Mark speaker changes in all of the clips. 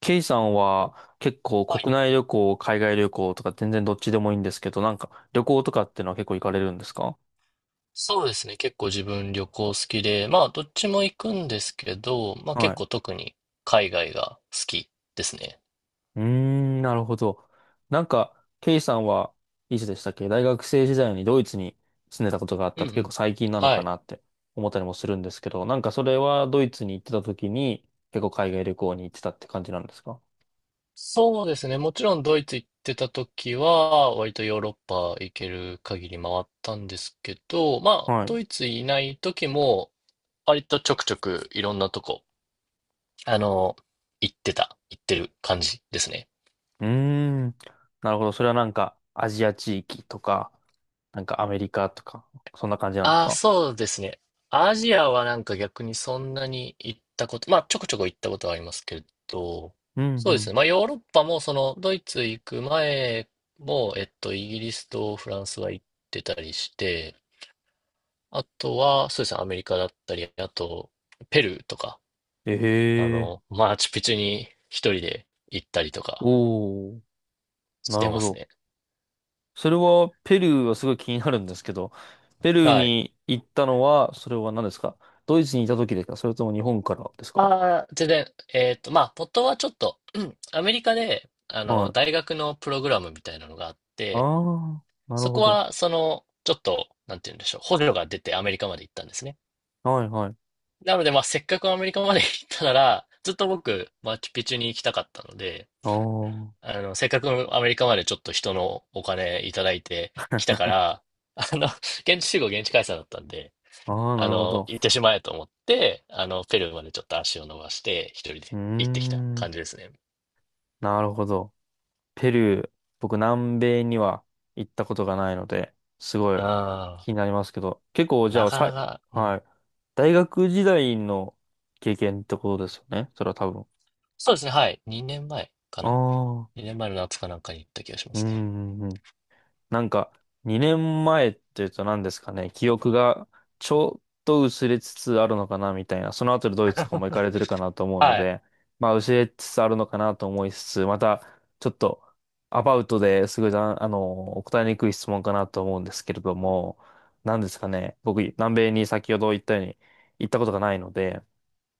Speaker 1: ケイさんは結構
Speaker 2: はい、
Speaker 1: 国内旅行、海外旅行とか全然どっちでもいいんですけど、なんか旅行とかってのは結構行かれるんですか？
Speaker 2: そうですね。結構自分旅行好きで、まあどっちも行くんですけど、まあ
Speaker 1: は
Speaker 2: 結
Speaker 1: い。
Speaker 2: 構特に海外が好きですね。
Speaker 1: うーん、なるほど。なんか、ケイさんはいつでしたっけ大学生時代にドイツに住んでたことがあっ
Speaker 2: う
Speaker 1: たっ
Speaker 2: んう
Speaker 1: て結構
Speaker 2: ん。
Speaker 1: 最近なの
Speaker 2: は
Speaker 1: か
Speaker 2: い。
Speaker 1: なって思ったりもするんですけど、なんかそれはドイツに行ってた時に結構海外旅行に行ってたって感じなんですか？
Speaker 2: そうですね。もちろんドイツ行ってた時は、割とヨーロッパ行ける限り回ったんですけど、まあ
Speaker 1: はい。う
Speaker 2: ドイツいない時も、割とちょくちょくいろんなとこ、あの、行ってた、行ってる感じですね。
Speaker 1: ーん、なるほど。それはなんかアジア地域とか、なんかアメリカとか、そんな感じなんです
Speaker 2: ああ、
Speaker 1: か？
Speaker 2: そうですね。アジアはなんか逆にそんなに行ったこと、まあちょこちょこ行ったことはありますけど、
Speaker 1: うんう
Speaker 2: そうです
Speaker 1: ん。
Speaker 2: ね。まあヨーロッパもそのドイツ行く前も、イギリスとフランスは行ってたりして、あとはそうですね、アメリカだったり、あとペルーとか、
Speaker 1: ええ、
Speaker 2: マーチュピチュに一人で行ったりとか
Speaker 1: おおー、
Speaker 2: し
Speaker 1: な
Speaker 2: て
Speaker 1: るほ
Speaker 2: ます
Speaker 1: ど。
Speaker 2: ね。
Speaker 1: それは、ペルーはすごい気になるんですけど、ペルー
Speaker 2: はい。
Speaker 1: に行ったのは、それは何ですか？ドイツにいた時ですか？それとも日本からですか？
Speaker 2: ああ、全然、まあ、ポットはちょっと、うんアメリカで、
Speaker 1: はい。
Speaker 2: 大学のプログラムみたいなのがあっ
Speaker 1: あ
Speaker 2: て、
Speaker 1: あ、なる
Speaker 2: そ
Speaker 1: ほ
Speaker 2: こ
Speaker 1: ど。
Speaker 2: は、その、ちょっと、なんて言うんでしょう、補助が出てアメリカまで行ったんですね。
Speaker 1: はいはい。
Speaker 2: なので、まあ、せっかくアメリカまで 行ったなら、ずっと僕、マチュピチュに行きたかったので、
Speaker 1: ああ、
Speaker 2: せっかくアメリカまでちょっと人のお金いただいてきたから、あの、現地集合、現地解散だったんで、
Speaker 1: ああ、なるほど。
Speaker 2: 行ってしまえと思って、ペルーまでちょっと足を伸ばして、一人
Speaker 1: う
Speaker 2: で
Speaker 1: ー
Speaker 2: 行ってきた
Speaker 1: ん、
Speaker 2: 感じですね。
Speaker 1: なるほど。ペルー、僕南米には行ったことがないので、すごい
Speaker 2: あ
Speaker 1: 気になりますけど、結構
Speaker 2: あ、
Speaker 1: じゃ
Speaker 2: な
Speaker 1: あ
Speaker 2: かな
Speaker 1: さ、
Speaker 2: か、う
Speaker 1: はい。
Speaker 2: ん。
Speaker 1: 大学時代の経験ってことですよね。それは多分。
Speaker 2: そうですね、はい。2年前か
Speaker 1: あ
Speaker 2: な？ 2
Speaker 1: あ、
Speaker 2: 年前の夏かなんかに行った気がしま
Speaker 1: う
Speaker 2: すね。
Speaker 1: ん、うんうん。なんか、2年前っていうと何ですかね、記憶がちょっと薄れつつあるのかなみたいな、その後でドイツとかも行かれてるかなと思うの
Speaker 2: はい。
Speaker 1: で、まあ薄れつつあるのかなと思いつつ、またちょっとアバウトですごいざん、あの、答えにくい質問かなと思うんですけれども、何ですかね、僕、南米に先ほど言ったように行ったことがないので、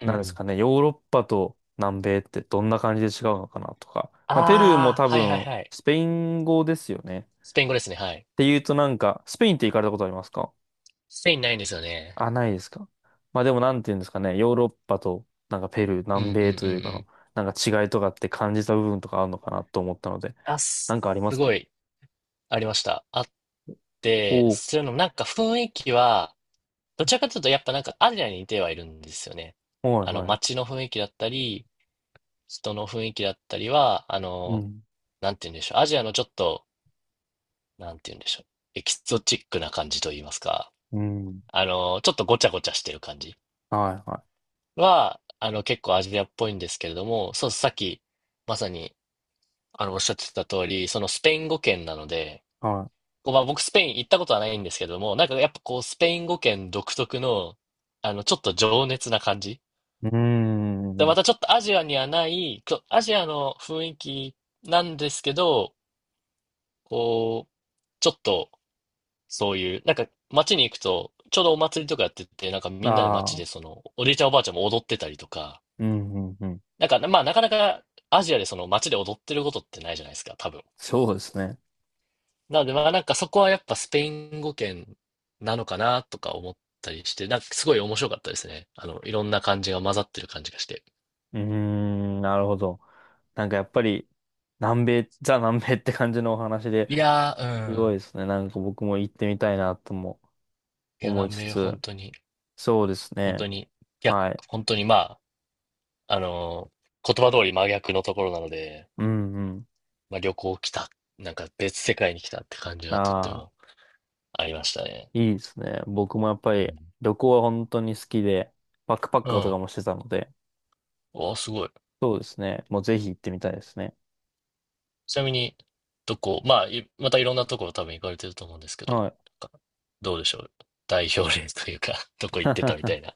Speaker 2: うんう
Speaker 1: 何です
Speaker 2: ん。
Speaker 1: かね、ヨーロッパと南米ってどんな感じで違うのかなとか、まあ、ペルーも
Speaker 2: ああ、
Speaker 1: 多
Speaker 2: はいはい
Speaker 1: 分
Speaker 2: はい。
Speaker 1: スペイン語ですよね。
Speaker 2: スペイン語ですね、はい。
Speaker 1: ていうとなんか、スペインって行かれたことありますか？
Speaker 2: スペインないんですよね。
Speaker 1: あ、ないですか。まあでもなんていうんですかね、ヨーロッパとなんかペルー、
Speaker 2: う
Speaker 1: 南
Speaker 2: んうんう
Speaker 1: 米
Speaker 2: ん
Speaker 1: と
Speaker 2: う
Speaker 1: いうかの、
Speaker 2: ん。
Speaker 1: なんか違いとかって感じた部分とかあるのかなと思ったので、
Speaker 2: あ、
Speaker 1: な
Speaker 2: す、
Speaker 1: んかありま
Speaker 2: す
Speaker 1: す
Speaker 2: ご
Speaker 1: か？
Speaker 2: いありました。あっ
Speaker 1: お
Speaker 2: て、
Speaker 1: お
Speaker 2: それのなんか雰囲気は、どちらかというとやっぱなんかアジアに似てはいるんですよね。
Speaker 1: ー、はいはい。
Speaker 2: 街の雰囲気だったり、人の雰囲気だったりは、
Speaker 1: うん、
Speaker 2: なんて言うんでしょう。アジアのちょっと、なんて言うんでしょう。エキゾチックな感じと言いますか。
Speaker 1: うん、
Speaker 2: ちょっとごちゃごちゃしてる感じ
Speaker 1: はいは
Speaker 2: は、結構アジアっぽいんですけれども、そう、さっき、まさに、おっしゃってた通り、そのスペイン語圏なので、
Speaker 1: い、は
Speaker 2: こうまあ、僕スペイン行ったことはないんですけれども、なんかやっぱこう、スペイン語圏独特の、ちょっと情熱な感じ。
Speaker 1: い。うー
Speaker 2: で、ま
Speaker 1: ん、
Speaker 2: たちょっとアジアにはない、アジアの雰囲気なんですけど、こう、ちょっと、そういう、なんか街に行くと、ちょうどお祭りとかやってて、なんかみんなで街
Speaker 1: あ
Speaker 2: で
Speaker 1: あ、
Speaker 2: その、おじいちゃんおばあちゃんも踊ってたりとか、
Speaker 1: うん、うん、うん。
Speaker 2: なんか、まあなかなかアジアでその街で踊ってることってないじゃないですか、多分。
Speaker 1: そうですね。
Speaker 2: なのでまあなんかそこはやっぱスペイン語圏なのかなとか思ったりして、なんかすごい面白かったですね。いろんな感じが混ざってる感じがして。
Speaker 1: うーん、なるほど。なんかやっぱり、南米、ザ南米って感じのお話で、
Speaker 2: いや
Speaker 1: す
Speaker 2: ー、
Speaker 1: ごい
Speaker 2: うん。
Speaker 1: ですね。なんか僕も行ってみたいなとも
Speaker 2: いや、
Speaker 1: 思い
Speaker 2: 南
Speaker 1: つ
Speaker 2: 米
Speaker 1: つ、
Speaker 2: 本当に、
Speaker 1: そうです
Speaker 2: 本当
Speaker 1: ね。
Speaker 2: に、逆、
Speaker 1: はい。
Speaker 2: 本当にまあ、あのー言葉通り真逆のところなので、
Speaker 1: うんうん。
Speaker 2: まあ、旅行来た、なんか別世界に来たって感じがとって
Speaker 1: ああ、
Speaker 2: もありましたね。
Speaker 1: いいですね。僕もやっぱ
Speaker 2: う
Speaker 1: り
Speaker 2: ん。
Speaker 1: 旅行は本当に好きで、バックパッ
Speaker 2: う
Speaker 1: カーとか
Speaker 2: ん。
Speaker 1: もしてたので、
Speaker 2: お、すごい。
Speaker 1: そうですね。もうぜひ行ってみたいですね。
Speaker 2: ちなみに、どこ、まあ、いまたいろんなところ多分行かれてると思うんですけど、なん
Speaker 1: はい。
Speaker 2: かどうでしょう。代表例というか どこ行ってたみた いな。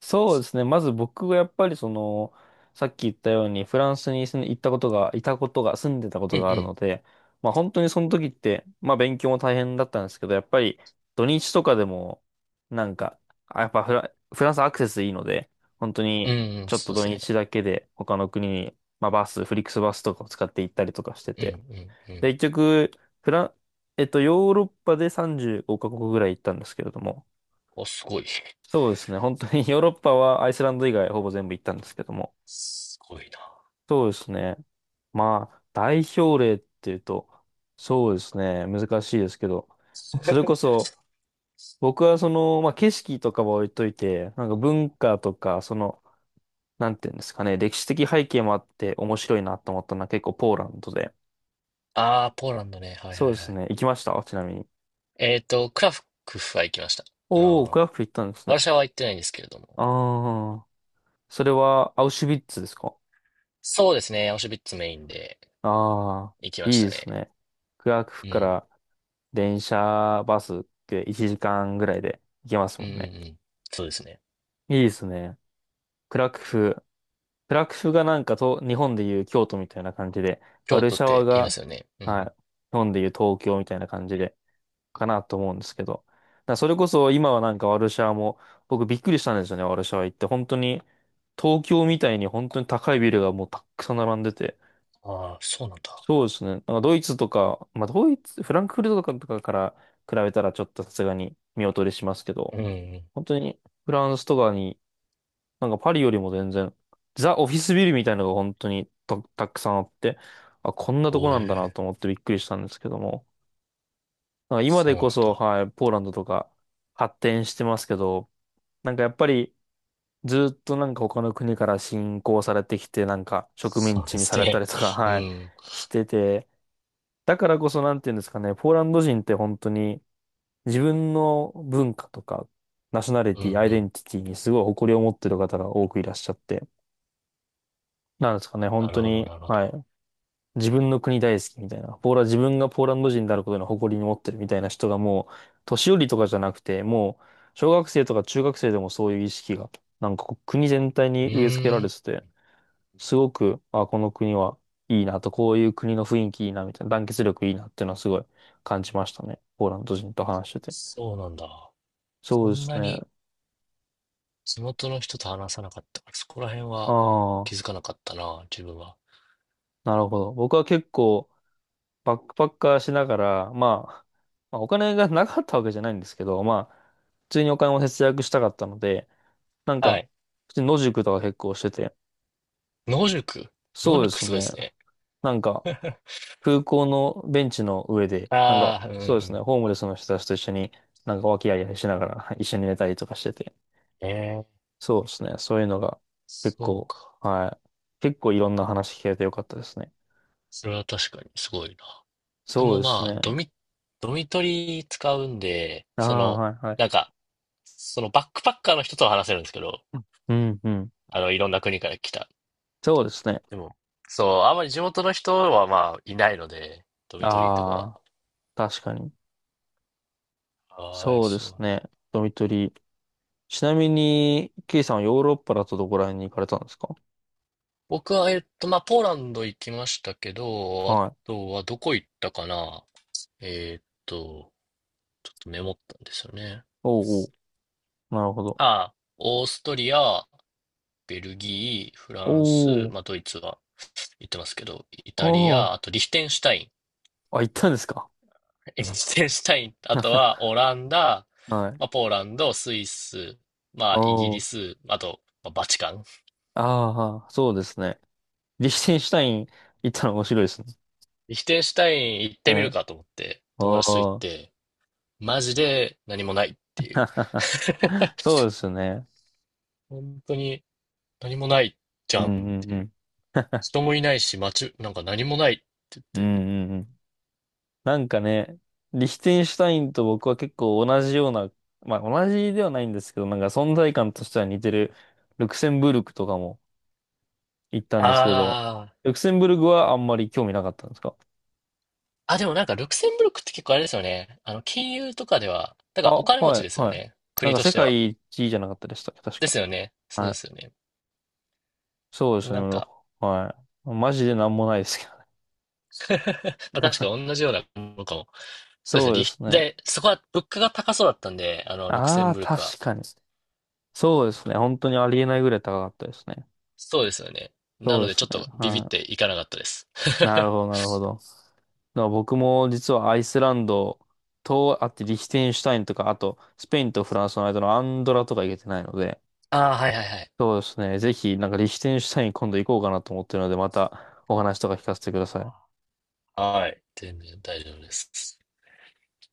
Speaker 1: そうですね。まず僕がやっぱりその、さっき言ったようにフランスに住ん行ったことが、いたことが、住んでたこ
Speaker 2: う
Speaker 1: とが
Speaker 2: ん
Speaker 1: あ
Speaker 2: う
Speaker 1: る
Speaker 2: ん。
Speaker 1: ので、まあ本当にその時って、まあ勉強も大変だったんですけど、やっぱり土日とかでも、なんか、やっぱ、フランスアクセスいいので、本当
Speaker 2: う
Speaker 1: に
Speaker 2: んうん、
Speaker 1: ちょっと
Speaker 2: そうで
Speaker 1: 土
Speaker 2: すね。
Speaker 1: 日だけで他の国に、まあフリックスバスとかを使って行ったりとかして
Speaker 2: うんう
Speaker 1: て。
Speaker 2: んう
Speaker 1: で、
Speaker 2: ん。
Speaker 1: 結局、フラン、えっと、ヨーロッパで35カ国ぐらい行ったんですけれども、
Speaker 2: お、すごい。
Speaker 1: そうですね。本当に ヨーロッパはアイスランド以外ほぼ全部行ったんですけども。
Speaker 2: すごいな。
Speaker 1: そうですね。まあ、代表例っていうと、そうですね。難しいですけど、それこそ、僕はその、まあ景色とかは置いといて、なんか文化とか、その、なんていうんですかね、歴史的背景もあって面白いなと思ったのは結構ポーランドで。
Speaker 2: ああ、ポーランドね。はいはい
Speaker 1: そうで
Speaker 2: は
Speaker 1: す
Speaker 2: い。
Speaker 1: ね。行きましたちなみに。
Speaker 2: クラクフは行きました。あ
Speaker 1: おー、ク
Speaker 2: の、
Speaker 1: ラクフ行ったんです
Speaker 2: ワル
Speaker 1: ね。
Speaker 2: シャワは行ってないんですけれども。
Speaker 1: ああ、それはアウシュビッツですか？
Speaker 2: そうですね。アウシュビッツメインで
Speaker 1: ああ
Speaker 2: 行き
Speaker 1: ー、
Speaker 2: ま
Speaker 1: い
Speaker 2: し
Speaker 1: いで
Speaker 2: た
Speaker 1: す
Speaker 2: ね。
Speaker 1: ね。クラク
Speaker 2: う
Speaker 1: フか
Speaker 2: ん。
Speaker 1: ら電車、バスって1時間ぐらいで行けます
Speaker 2: う
Speaker 1: も
Speaker 2: んう
Speaker 1: ん
Speaker 2: んう
Speaker 1: ね。
Speaker 2: ん。そうですね。
Speaker 1: いいですね。クラクフ。クラクフがなんかと、日本でいう京都みたいな感じで、ワ
Speaker 2: 京
Speaker 1: ル
Speaker 2: 都っ
Speaker 1: シャワ
Speaker 2: て言いま
Speaker 1: が、
Speaker 2: すよね。う
Speaker 1: はい、
Speaker 2: ん。
Speaker 1: 日本でいう東京みたいな感じで、かなと思うんですけど。だからそれこそ今はなんかワルシャワも、僕びっくりしたんですよね、ワルシャワ行って。本当に、東京みたいに本当に高いビルがもうたくさん並んでて。
Speaker 2: ああ、そうなんだ。
Speaker 1: そうですね。なんかドイツとか、まあドイツ、フランクフルトとかから比べたらちょっとさすがに見劣りしますけ
Speaker 2: うん
Speaker 1: ど、
Speaker 2: うん。
Speaker 1: 本当にフランスとかに、なんかパリよりも全然、ザ・オフィスビルみたいなのが本当にたくさんあって、あ、こんなとこ
Speaker 2: お
Speaker 1: なんだな
Speaker 2: え、
Speaker 1: と思ってびっくりしたんですけども、なんか今
Speaker 2: そ
Speaker 1: で
Speaker 2: うな
Speaker 1: こ
Speaker 2: ん
Speaker 1: そ、
Speaker 2: だ。
Speaker 1: はい、ポーランドとか発展してますけど、なんかやっぱりずっとなんか他の国から侵攻されてきて、なんか植
Speaker 2: そ
Speaker 1: 民
Speaker 2: う
Speaker 1: 地
Speaker 2: で
Speaker 1: に
Speaker 2: す
Speaker 1: された
Speaker 2: ね。
Speaker 1: りとか、
Speaker 2: う
Speaker 1: はい、
Speaker 2: ん。
Speaker 1: してて、だからこそなんていうんですかね、ポーランド人って本当に、自分の文化とか、ナショナリ
Speaker 2: う
Speaker 1: ティ、
Speaker 2: ん
Speaker 1: アイ
Speaker 2: う
Speaker 1: デ
Speaker 2: ん。
Speaker 1: ンティティにすごい誇りを持ってる方が多くいらっしゃって、なんですかね、
Speaker 2: な
Speaker 1: 本
Speaker 2: る
Speaker 1: 当
Speaker 2: ほど
Speaker 1: に、
Speaker 2: なるほ
Speaker 1: は
Speaker 2: ど。
Speaker 1: い、自分の国大好きみたいな、ポーラ、自分がポーランド人であることの誇りに持ってるみたいな人がもう、年寄りとかじゃなくて、もう、小学生とか中学生でもそういう意識が、なんかこう国全体
Speaker 2: う
Speaker 1: に植え付けら
Speaker 2: ー
Speaker 1: れ
Speaker 2: ん、
Speaker 1: てて、すごく、あ、この国はいいなと、こういう国の雰囲気いいな、みたいな、団結力いいなっていうのはすごい感じましたね。ポーランド人と話してて。
Speaker 2: そうなんだ。
Speaker 1: そ
Speaker 2: そ
Speaker 1: うで
Speaker 2: ん
Speaker 1: すね。
Speaker 2: な
Speaker 1: あ
Speaker 2: に地元の人と話さなかったから、そこら辺は
Speaker 1: あ。
Speaker 2: 気づかなかったな、自分は。
Speaker 1: なるほど。僕は結構バックパッカーしながら、まあ、お金がなかったわけじゃないんですけど、まあ、普通にお金を節約したかったので、なん
Speaker 2: は
Speaker 1: か、
Speaker 2: い。
Speaker 1: 普通に野宿とか結構してて、
Speaker 2: 野宿。
Speaker 1: そうです
Speaker 2: すごいで
Speaker 1: ね。
Speaker 2: すね。
Speaker 1: なんか、空港のベンチの上で、なんか、
Speaker 2: ああ、うんう
Speaker 1: そうですね、
Speaker 2: ん。
Speaker 1: ホームレスの人たちと一緒に、なんか、和気あいあいしながら 一緒に寝たりとかしてて、
Speaker 2: ええ、
Speaker 1: そうですね、そういうのが結
Speaker 2: そう
Speaker 1: 構、
Speaker 2: か。
Speaker 1: はい、結構いろんな話聞けてよかったですね。
Speaker 2: それは確かにすごいな。僕
Speaker 1: そう
Speaker 2: も
Speaker 1: です
Speaker 2: まあ、
Speaker 1: ね。
Speaker 2: ドミトリー使うんで、
Speaker 1: あ
Speaker 2: そ
Speaker 1: あ、
Speaker 2: の、
Speaker 1: はい、はい。
Speaker 2: なんか、そのバックパッカーの人とは話せるんですけど、
Speaker 1: うん、うん。
Speaker 2: いろんな国から来た。
Speaker 1: そうですね。
Speaker 2: でも、そう、あんまり地元の人はまあ、いないので、ドミトリーとかは。
Speaker 1: ああ、確かに。
Speaker 2: ああ、
Speaker 1: そうで
Speaker 2: そう
Speaker 1: す
Speaker 2: なんだ。
Speaker 1: ね。ドミトリー。ちなみに、ケイさんはヨーロッパだとどこら辺に行かれたんですか？
Speaker 2: 僕は、まあ、ポーランド行きましたけど、あ
Speaker 1: はい。
Speaker 2: とはどこ行ったかな。えーっと、ちょっとメモったんですよね。
Speaker 1: おうおう。なるほど。
Speaker 2: ああ、オーストリア、ベルギー、フ
Speaker 1: お
Speaker 2: ランス、
Speaker 1: お。
Speaker 2: まあ、ドイツは行ってますけど、イ
Speaker 1: お
Speaker 2: タリア、
Speaker 1: お。
Speaker 2: あとリヒテンシュタイン。
Speaker 1: あ、行ったんですか？
Speaker 2: リヒテンシュタイン、あと はオランダ、
Speaker 1: はい。
Speaker 2: まあ、ポーランド、スイス、ま
Speaker 1: お
Speaker 2: あ、イギリ
Speaker 1: お。
Speaker 2: ス、あと、まあ、バチカン。
Speaker 1: ああ、そうですね。リヒテンシュタイン行ったの面白いですね。
Speaker 2: リヒテンシュタイン行ってみ
Speaker 1: は
Speaker 2: る
Speaker 1: い。
Speaker 2: かと思って、友
Speaker 1: お
Speaker 2: 達と行っ
Speaker 1: お。
Speaker 2: て、マジで何もないっていう。
Speaker 1: そうですね。
Speaker 2: 本当に何もないじ
Speaker 1: う
Speaker 2: ゃ
Speaker 1: ん
Speaker 2: ん
Speaker 1: う
Speaker 2: って
Speaker 1: んう
Speaker 2: いう。
Speaker 1: ん。
Speaker 2: 人もいないし、街、なんか何もないって言っ
Speaker 1: うん
Speaker 2: て。
Speaker 1: うんうん。なんかね、リヒテンシュタインと僕は結構同じような、まあ同じではないんですけど、なんか存在感としては似てるルクセンブルクとかも行ったんですけど、
Speaker 2: あ
Speaker 1: ルクセンブルクはあんまり興味なかったんですか？
Speaker 2: あ、でもなんか、ルクセンブルクって結構あれですよね。金融とかでは、だから
Speaker 1: あ、
Speaker 2: お金持
Speaker 1: は
Speaker 2: ち
Speaker 1: い、
Speaker 2: ですよ
Speaker 1: はい。
Speaker 2: ね。
Speaker 1: なん
Speaker 2: 国
Speaker 1: か
Speaker 2: とし
Speaker 1: 世
Speaker 2: ては。
Speaker 1: 界一位じゃなかったでしたっけ、確
Speaker 2: で
Speaker 1: か。
Speaker 2: すよね。そう
Speaker 1: は
Speaker 2: で
Speaker 1: い。
Speaker 2: すよね。
Speaker 1: そうで
Speaker 2: で
Speaker 1: す
Speaker 2: も
Speaker 1: ね、
Speaker 2: なんか、
Speaker 1: もうはい。マジでなんもないですけど。
Speaker 2: まあ確か同じようなものかも。そうですね。
Speaker 1: そう
Speaker 2: リ
Speaker 1: で
Speaker 2: ヒ
Speaker 1: すね。
Speaker 2: で、そこは物価が高そうだったんで、ルクセ
Speaker 1: あ
Speaker 2: ン
Speaker 1: あ、
Speaker 2: ブルクは。
Speaker 1: 確かに。そうですね。本当にありえないぐらい高かったですね。
Speaker 2: そうですよね。な
Speaker 1: そう
Speaker 2: の
Speaker 1: で
Speaker 2: で
Speaker 1: す
Speaker 2: ちょっ
Speaker 1: ね。
Speaker 2: とビビっ
Speaker 1: はい。
Speaker 2: ていかなかったです。
Speaker 1: なるほど、な るほど。だから僕も実はアイスランドと、あってリヒテンシュタインとか、あとスペインとフランスの間のアンドラとか行けてないので、
Speaker 2: ああ、はいはいはい。
Speaker 1: そうですね。ぜひ、なんかリヒテンシュタイン今度行こうかなと思ってるので、またお話とか聞かせてください。
Speaker 2: はい。全然大丈夫です。